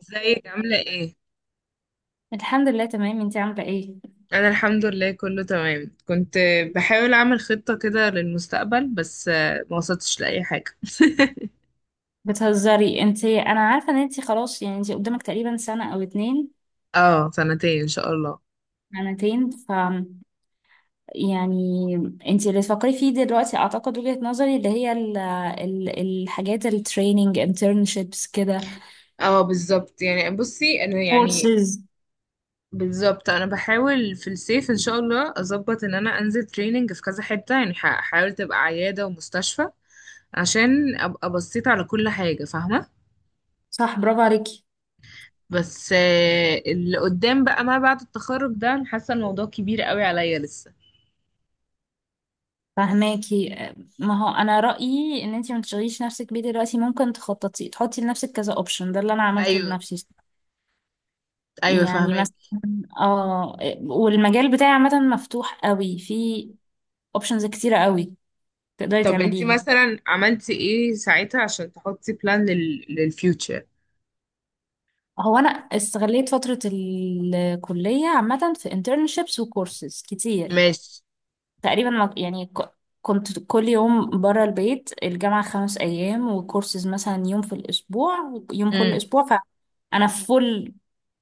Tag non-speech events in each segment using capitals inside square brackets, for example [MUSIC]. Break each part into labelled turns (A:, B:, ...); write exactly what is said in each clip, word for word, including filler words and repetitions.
A: ازيك عاملة ايه؟
B: الحمد لله تمام. انتي عاملة ايه؟
A: أنا الحمد لله كله تمام. كنت بحاول أعمل خطة كده للمستقبل، بس آه، ما وصلتش لأي حاجة. [LAUGHS]
B: بتهزري انتي. انا عارفة ان انتي خلاص يعني انتي قدامك تقريبا سنة او اتنين.
A: اه، سنتين إن شاء الله.
B: سنتين ف يعني انتي اللي تفكري فيه دلوقتي اعتقد وجهة نظري اللي هي ال ال الحاجات، التريننج، انترنشيبس كده،
A: اه بالظبط، يعني بصي أنا يعني،
B: كورسز.
A: بالظبط أنا بحاول في الصيف إن شاء الله أظبط إن أنا أنزل تريننج في كذا حتة، يعني ح- هحاول تبقى عيادة ومستشفى، عشان أبقى بصيت على كل حاجة. فاهمة؟
B: صح، برافو عليكي.
A: بس آه، اللي قدام بقى ما بعد التخرج ده، أنا حاسة الموضوع كبير قوي عليا لسه.
B: فهماكي؟ ما هو انا رأيي ان انتي ما تشغليش نفسك بيه دلوقتي. ممكن تخططي تحطي لنفسك كذا اوبشن، ده اللي انا عملته
A: ايوه،
B: لنفسي.
A: ايوه
B: يعني
A: فاهمك.
B: مثلا، اه، والمجال بتاعي عامة مفتوح قوي، في اوبشنز كتيرة قوي تقدري
A: طب انت
B: تعمليها.
A: مثلا عملتي ايه ساعتها عشان تحطي بلان لل... للفيوتشر؟
B: هو انا استغليت فترة الكلية عامة في internships وكورسز كتير.
A: ماشي.
B: تقريبا ما- يعني ك- كنت كل يوم برا البيت، الجامعة خمس ايام وكورسز مثلا يوم في الاسبوع، يوم كل
A: امم،
B: اسبوع. فانا فول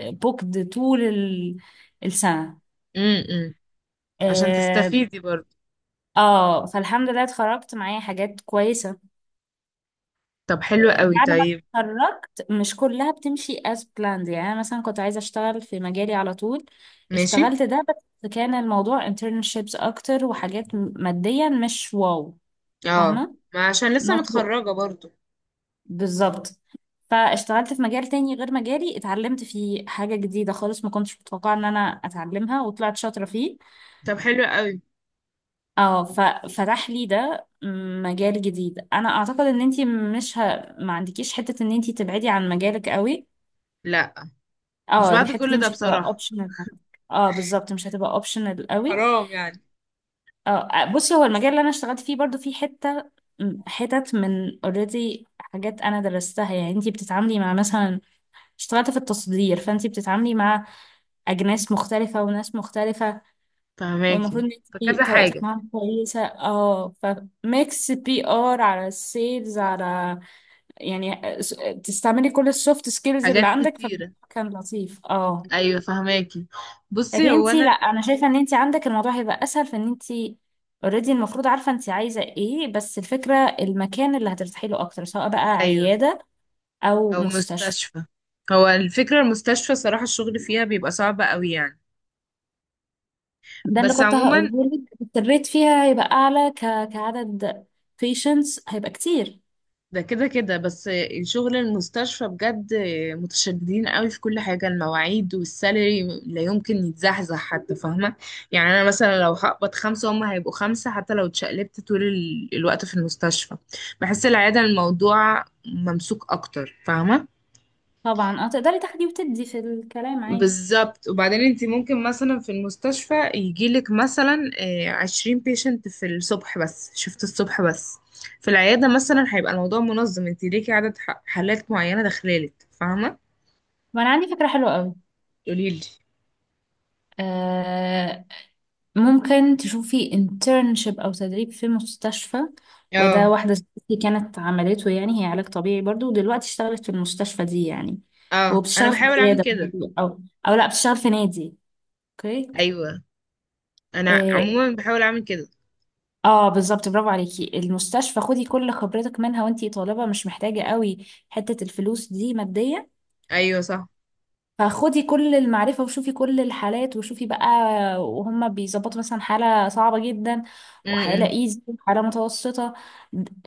B: بوكد طول ال- السنة،
A: امم، امم. عشان
B: اه،
A: تستفيدي برضو.
B: آه، فالحمد لله اتخرجت معايا حاجات كويسة.
A: طب حلو قوي،
B: بعد ما
A: طيب.
B: اتخرجت مش كلها بتمشي as planned. يعني انا مثلا كنت عايزه اشتغل في مجالي على طول،
A: ماشي.
B: اشتغلت ده بس كان الموضوع internships اكتر، وحاجات م- ماديا مش واو.
A: اه،
B: فاهمه؟
A: ما عشان لسه
B: not work.
A: متخرجة برضو.
B: بالظبط. فاشتغلت في مجال تاني غير مجالي، اتعلمت فيه حاجه جديده خالص ما كنتش متوقعه ان انا اتعلمها، وطلعت شاطره فيه.
A: طب حلو قوي.
B: اه، ففتح لي ده مجال جديد. انا اعتقد ان انتي مش ه... ما عندكيش حته ان انتي تبعدي عن مجالك قوي.
A: لا، مش
B: اه،
A: بعد
B: الحتة دي
A: كل ده
B: مش هتبقى
A: بصراحة.
B: اوبشنال. اه بالظبط، مش هتبقى اوبشنال قوي.
A: حرام يعني.
B: اه. بصي، هو المجال اللي انا اشتغلت فيه برضو فيه حتة حتت من اوريدي حاجات انا درستها. يعني انتي بتتعاملي مع مثلا، اشتغلت في التصدير، فانتي بتتعاملي مع اجناس مختلفة وناس مختلفة،
A: فهماكي.
B: والمفروض ان انتي
A: فكذا
B: طريقتك
A: حاجة.
B: معاهم كويسة. اه، فميكس بي ار على السيلز على، يعني آه، س- آه، تستعملي كل السوفت سكيلز اللي
A: حاجات
B: عندك،
A: كتيرة.
B: فكان لطيف. اه،
A: ايوه فهماكي.
B: لكن
A: بصي هو
B: انتي لا،
A: انا.
B: انا شايفه ان انتي عندك الموضوع هيبقى اسهل، في ان انتي اوريدي المفروض عارفه انتي عايزه ايه، بس الفكره المكان اللي هترتاحي له اكتر، سواء بقى
A: ايوه.
B: عياده او
A: او
B: مستشفى.
A: مستشفى. هو الفكرة، المستشفى صراحة الشغل فيها بيبقى صعب قوي يعني.
B: ده اللي
A: بس
B: كنت
A: عموما،
B: هقوله لك، الريت فيها هيبقى اعلى، ك... كعدد patients هيبقى كتير.
A: ده كده كده بس. شغل المستشفى بجد متشددين قوي في كل حاجة، المواعيد والسالري لا يمكن يتزحزح حتى، فاهمة؟ يعني أنا مثلا لو هقبض خمسة هما هيبقوا خمسة، حتى لو اتشقلبت طول ال- الوقت في المستشفى. بحس العيادة الموضوع ممسوك أكتر، فاهمة؟
B: طبعا، اه، تقدري تاخدي وتدي في الكلام عادي.
A: بالظبط. وبعدين انت ممكن مثلا في المستشفى يجيلك مثلا آه، عشرين بيشنت في الصبح بس، شفت؟ الصبح بس. في العيادة مثلا هيبقى الموضوع منظم، انت ليكي عدد ح- حالات معينة داخلالك، فاهمة؟
B: وانا عندي فكره حلوه قوي.
A: قوليلي.
B: ممكن تشوفي انترنشيب او تدريب في مستشفى، وده
A: اه.
B: واحدة زميلتي كانت عملته، يعني هي علاج طبيعي برضو، ودلوقتي اشتغلت في المستشفى دي يعني.
A: اه، انا
B: وبتشتغل في
A: بحاول اعمل
B: عيادة
A: كده.
B: برضو، او او لا بتشتغل في نادي. اوكي،
A: ايوه، انا
B: اه،
A: عموما بحاول اعمل كده.
B: آه بالظبط. برافو عليكي. المستشفى خدي كل خبرتك منها، وانتي طالبة مش محتاجة قوي حتة الفلوس دي، ماديا.
A: ايوه صح.
B: فخدي كل المعرفة وشوفي كل الحالات، وشوفي بقى وهم بيظبطوا مثلا حالة صعبة جدا، وحالة
A: امم.
B: ايزي، وحالة متوسطة.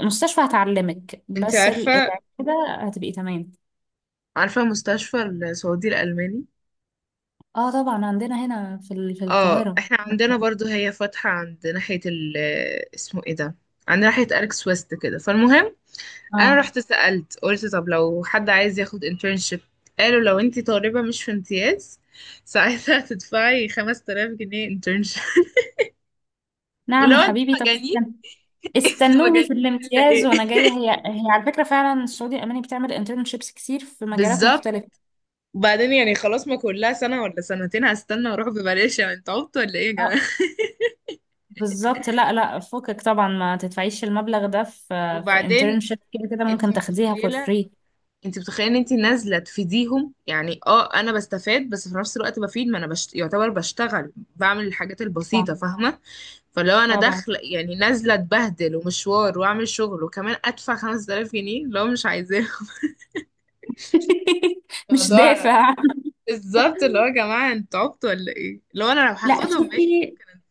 B: المستشفى هتعلمك،
A: انت
B: بس ال-
A: عارفة؟
B: العيادة كده هتبقي تمام.
A: عارفة مستشفى السعودي الألماني؟
B: اه طبعا، عندنا هنا في ال- في
A: اه،
B: القاهرة.
A: احنا عندنا برضو، هي فاتحة عند ناحية ال اسمه ايه ده — عند ناحية أليكس ويست كده. فالمهم، انا
B: اه،
A: رحت سألت، قلت طب لو حد عايز ياخد internship؟ قالوا لو انتي طالبة مش في امتياز ساعتها تدفعي خمسة آلاف جنيه internship. [LAUGHS]
B: نعم
A: لو
B: يا
A: انت
B: حبيبي، طب
A: مجانين.
B: استن-
A: [LAUGHS] انتوا
B: استنوني في
A: مجانين ولا
B: الامتياز
A: ايه؟
B: وانا جاية. هي هي على فكرة فعلا السعودية الألمانية بتعمل انترنشيبس كتير في
A: [LAUGHS]
B: مجالات
A: بالظبط.
B: مختلفة.
A: وبعدين يعني خلاص، ما كلها سنة ولا سنتين هستنى واروح ببلاش، يعني انتوا عبط ولا ايه يا جماعة؟
B: اه بالظبط، لا لا، فكك طبعا ما تدفعيش المبلغ ده في
A: [LAUGHS]
B: في
A: وبعدين
B: internship. كده كده
A: انت
B: ممكن تاخديها for
A: متخيلة؟
B: free.
A: انت متخيله ان انت نازله تفيديهم، يعني اه انا بستفاد بس في نفس الوقت بفيد، ما انا بشت... يعتبر بشتغل، بعمل الحاجات البسيطه،
B: طبعا
A: فاهمه؟ فلو انا
B: طبعا،
A: داخله يعني نازله اتبهدل ومشوار واعمل شغل، وكمان ادفع خمسة آلاف جنيه لو مش عايزاه؟
B: [LAUGHS]
A: [LAUGHS]
B: مش
A: الموضوع
B: دافع.
A: بالظبط، اللي هو يا جماعه، انتوا عبطوا ولا ايه؟ لو انا، لو
B: لا
A: هاخدهم ماشي
B: شوفي،
A: ممكن أنا.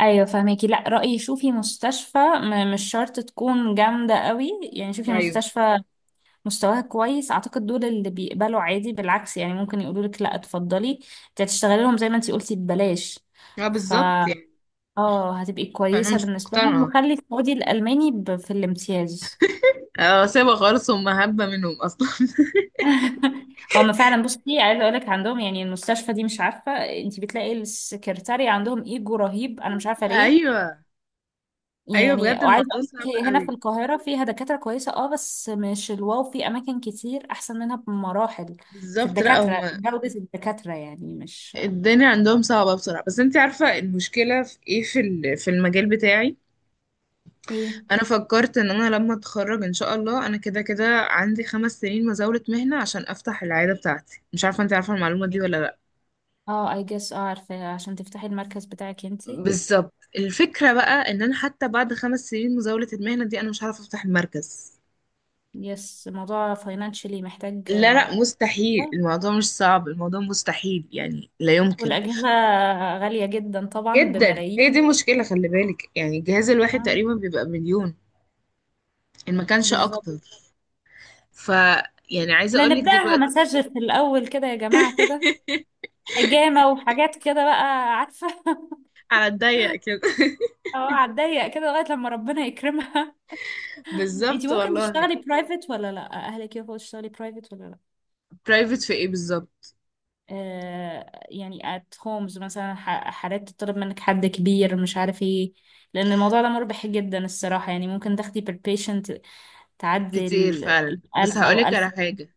B: ايوه فهميكي، لا رأيي شوفي مستشفى م- مش شرط تكون جامدة قوي، يعني
A: مش
B: شوفي
A: عايزه.
B: مستشفى مستواها كويس. اعتقد دول اللي بيقبلوا عادي، بالعكس يعني ممكن يقولوا لك لا اتفضلي، انت هتشتغلي لهم زي ما انت قلتي ببلاش.
A: اه
B: ف
A: بالظبط يعني.
B: اه هتبقي
A: فانا
B: كويسة
A: مش
B: بالنسبة لهم.
A: مقتنعه.
B: وخلي خدي الألماني ب- في الامتياز.
A: اه، سيبها خالص، هم هبه منهم اصلا. [LAUGHS]
B: هم فعلا، بصي عايزه اقول لك عندهم، يعني المستشفى دي مش عارفه، انت بتلاقي السكرتاري عندهم ايجو رهيب، انا مش عارفه ليه.
A: ايوه. ايوه
B: يعني،
A: بجد
B: وعايزه
A: الموضوع
B: اقول لك
A: صعب
B: هنا في
A: قوي.
B: القاهره فيها دكاتره كويسه، اه، بس مش الواو، في اماكن كتير احسن منها بمراحل، في
A: بالظبط. لا،
B: الدكاتره،
A: هم
B: جوده الدكاتره يعني مش
A: الدنيا عندهم صعبة بصراحة. بس انت عارفة المشكلة في ايه؟ في ال- في المجال بتاعي،
B: ايه.
A: انا فكرت ان انا لما اتخرج ان شاء الله انا كده كده عندي خمس سنين مزاولة مهنة عشان افتح العيادة بتاعتي. مش عارفة، انت عارفة المعلومة دي ولا لا؟
B: اه، اي جس، اه عارفه، عشان تفتحي المركز بتاعك انتي.
A: بالظبط. الفكرة بقى ان انا حتى بعد خمس سنين مزاولة المهنة دي انا مش عارفة افتح المركز.
B: يس، موضوع فاينانشلي محتاج،
A: لا، لا، مستحيل. الموضوع مش صعب، الموضوع مستحيل، يعني لا يمكن.
B: والاجهزه غاليه جدا طبعا،
A: جدا.
B: بملايين.
A: هي دي مشكلة، خلي بالك يعني الجهاز الواحد
B: آه،
A: تقريبا بيبقى مليون، ان ما كانش
B: بالظبط.
A: اكتر. ف يعني عايزة
B: احنا
A: اقولك
B: نبدأها
A: دلوقتي.
B: مساج في الأول كده يا جماعة، كده
A: [LAUGHS]
B: حجامة وحاجات كده بقى، عارفة. [LAUGHS]
A: على الضيق كده.
B: اه، هتضيق كده لغاية لما ربنا يكرمها. انتي
A: بالظبط
B: ممكن
A: والله.
B: تشتغلي برايفت ولا لا؟ اهلك يوافقوا تشتغلي برايفت ولا لا؟
A: برايفت في ايه بالظبط؟
B: آه يعني ات هومز مثلا، ح- حالات تطلب منك حد كبير مش عارف ايه، لان الموضوع ده مربح جدا الصراحة. يعني ممكن تاخدي بير بيشنت تعدي
A: كتير
B: ال
A: فعلا، بس
B: ألف او
A: هقولك
B: ألف
A: على حاجة.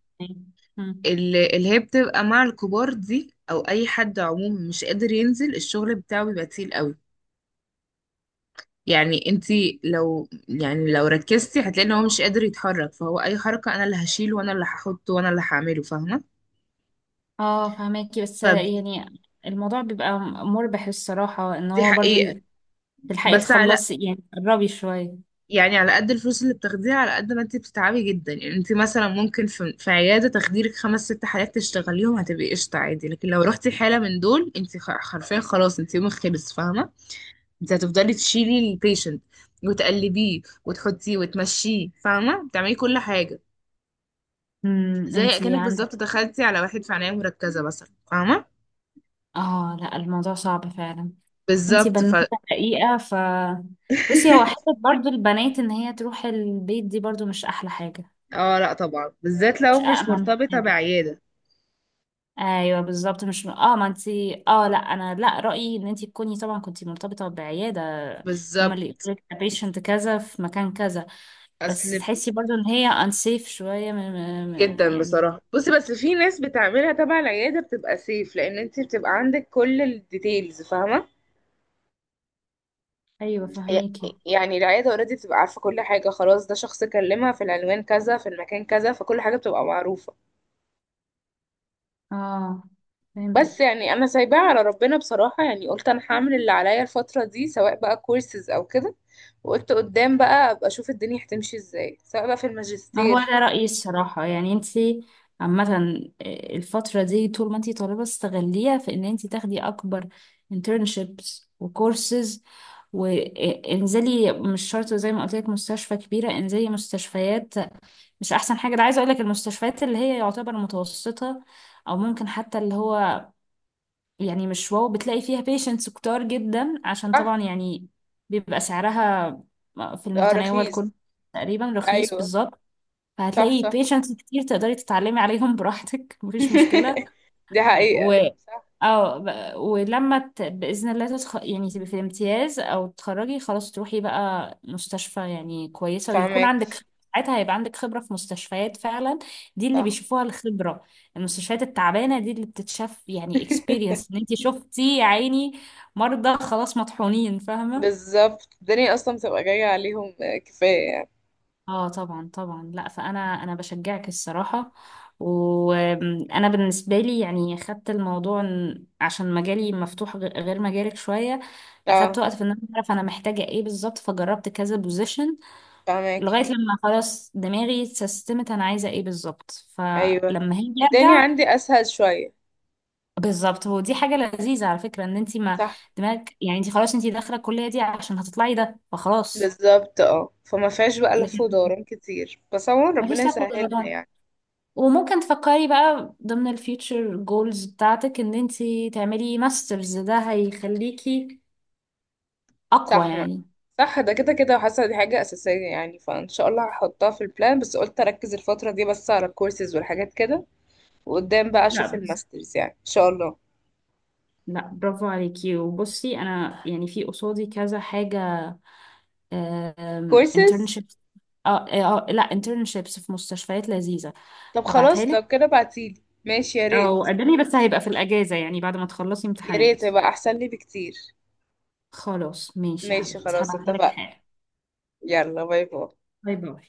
B: ونص.
A: اللي, اللي هي بتبقى مع الكبار دي، او اي حد عموما مش قادر ينزل الشغل بتاعه بيبقى تقيل قوي. يعني انتي لو، يعني لو ركزتي هتلاقي ان هو مش قادر يتحرك، فهو اي حركة انا اللي هشيله وانا اللي هحطه وانا اللي هعمله، فاهمة؟
B: اه فهماكي. بس
A: فدي
B: يعني الموضوع بيبقى مربح الصراحة، ان هو برضو
A: حقيقة.
B: ي- تلحقي
A: بس على،
B: تخلصي، يعني قربي شوية.
A: يعني على قد الفلوس اللي بتاخديها على قد ما انت بتتعبي جدا. يعني انت مثلا ممكن في, في عيادة تخديرك خمس ست حالات تشتغليهم، هتبقي قشطة عادي. لكن لو رحتي حالة من دول، انت خ- حرفيا خلاص، انت يومك خلص، فاهمة؟ انت هتفضلي تشيلي البيشنت وتقلبيه وتحطيه وتمشيه، فاهمة؟ بتعملي كل حاجة،
B: امم
A: زي
B: انتي
A: اكنك
B: عندك،
A: بالظبط دخلتي على واحد في عناية مركزة مثلا، فاهمة؟
B: اه لا الموضوع صعب فعلا. انتي
A: بالظبط. ف [LAUGHS]
B: بنوتة حقيقة، ف بصي هو حتة برضو البنات ان هي تروح البيت دي برضو مش احلى حاجة،
A: اه لا طبعا، بالذات
B: مش
A: لو مش
B: أأمن
A: مرتبطة
B: حاجة.
A: بعيادة.
B: ايوه بالظبط، مش اه ما انتي اه لا انا لا رأيي ان انتي تكوني طبعا كنتي مرتبطة بعيادة، هما اللي
A: بالظبط.
B: يقولك patient كذا في مكان كذا.
A: اصل
B: بس تحسي برضو ان هي unsafe شوية م... م... م-
A: جدا
B: يعني.
A: بصراحة. بصي، بس في ناس بتعملها تبع العيادة بتبقى سيف، لأن انت بتبقى عندك كل الديتيلز، فاهمة؟
B: ايوه
A: ي-
B: فهميكي.
A: يعني العيادة اوريدي بتبقى عارفة كل حاجة خلاص، ده شخص كلمها في العنوان كذا في المكان كذا، فكل حاجة بتبقى معروفة.
B: اه
A: بس
B: فهمتك.
A: يعني أنا سايباها على ربنا بصراحة، يعني قلت أنا هعمل اللي عليا الفترة دي، سواء بقى كورسز أو كده، وقلت قدام بقى أبقى أشوف الدنيا هتمشي ازاي، سواء بقى في
B: ما هو
A: الماجستير.
B: ده رأيي الصراحة. يعني انتي عامة، آه، الفترة دي طول ما انتي طالبة استغليها في ان انتي تاخدي اكبر internships وكورسز. وانزلي، مش شرط زي ما قلت لك مستشفى كبيرة، انزلي مستشفيات مش احسن حاجة. ده عايزة اقول لك المستشفيات اللي هي يعتبر متوسطة، او ممكن حتى اللي هو يعني مش واو، بتلاقي فيها بيشنتس كتار جدا، عشان طبعا
A: صح.
B: يعني بيبقى سعرها في
A: اه
B: المتناول
A: رخيص.
B: كله، تقريبا رخيص
A: أيوه.
B: بالظبط.
A: صح
B: فهتلاقي
A: صح.
B: بيشنتس كتير تقدري تتعلمي عليهم براحتك. [LAUGHS] مفيش مشكلة.
A: [LAUGHS] دي حقيقة.
B: و
A: صح.
B: اه ب- ولما ت... بإذن الله تتخ... يعني تبقي في الامتياز او تتخرجي خلاص، تروحي بقى مستشفى يعني كويسة، ويكون
A: فاهمك.
B: عندك ساعتها هيبقى عندك خبرة في مستشفيات فعلا. دي اللي
A: صح.
B: بيشوفوها الخبرة، المستشفيات التعبانة دي اللي بتتشاف يعني
A: [LAUGHS]
B: اكسبيرينس، ان انت شفتي يا عيني مرضى خلاص مطحونين، فاهمة؟
A: بالظبط الدنيا اصلا بتبقى جاية عليهم، آه، كفاية يعني.
B: اه طبعا طبعا. لا، فانا انا بشجعك الصراحه. وانا بالنسبه لي يعني خدت الموضوع إن- عشان مجالي مفتوح غ- غير مجالك شويه، اخدت
A: اه.
B: وقت في ان انا اعرف انا محتاجه ايه بالظبط، فجربت كذا بوزيشن،
A: فاهمك.
B: لغايه لما خلاص دماغي اتسيستمت، انا عايزه ايه بالظبط،
A: ايوه
B: فلما هي
A: الدنيا
B: ارجع
A: عندي اسهل شوية.
B: بالظبط. ودي حاجه لذيذه على فكره، ان انت ما
A: صح.
B: دماغك يعني، انت خلاص انت داخله الكليه دي عشان هتطلعي ده، فخلاص
A: بالظبط. اه فما فيهاش بقى لف
B: لكن
A: ودوران كتير، بس عموما ربنا
B: مفيش لك.
A: يسهلها يعني.
B: وممكن تفكري بقى ضمن الفيوتشر جولز بتاعتك ان انتي تعملي ماسترز، ده هيخليكي اقوى
A: صح ما.
B: يعني.
A: صح، ده كده كده حاسة دي حاجة أساسية، يعني فإن شاء الله هحطها في البلان، بس قلت أركز الفترة دي بس على الكورسز والحاجات كده، وقدام بقى
B: لا
A: أشوف
B: بس-
A: الماسترز يعني إن شاء الله.
B: لا برافو عليكي. وبصي، انا يعني في قصادي كذا حاجة،
A: كورسز.
B: انترنشيبس، اه آه، آه، لا انترنشيبس في مستشفيات لذيذة،
A: طب
B: هبعتها
A: خلاص، لو
B: لك.
A: كده بعتيلي ماشي يا
B: او
A: ريت.
B: قدمي، بس هيبقى في الاجازة يعني بعد ما تخلصي
A: يا ريت،
B: امتحانات.
A: يبقى احسن لي بكتير.
B: خلاص ماشي يا
A: ماشي
B: حبيبتي،
A: خلاص،
B: هبعتها لك
A: اتفقنا.
B: حالا.
A: يلا، باي باي.
B: باي باي.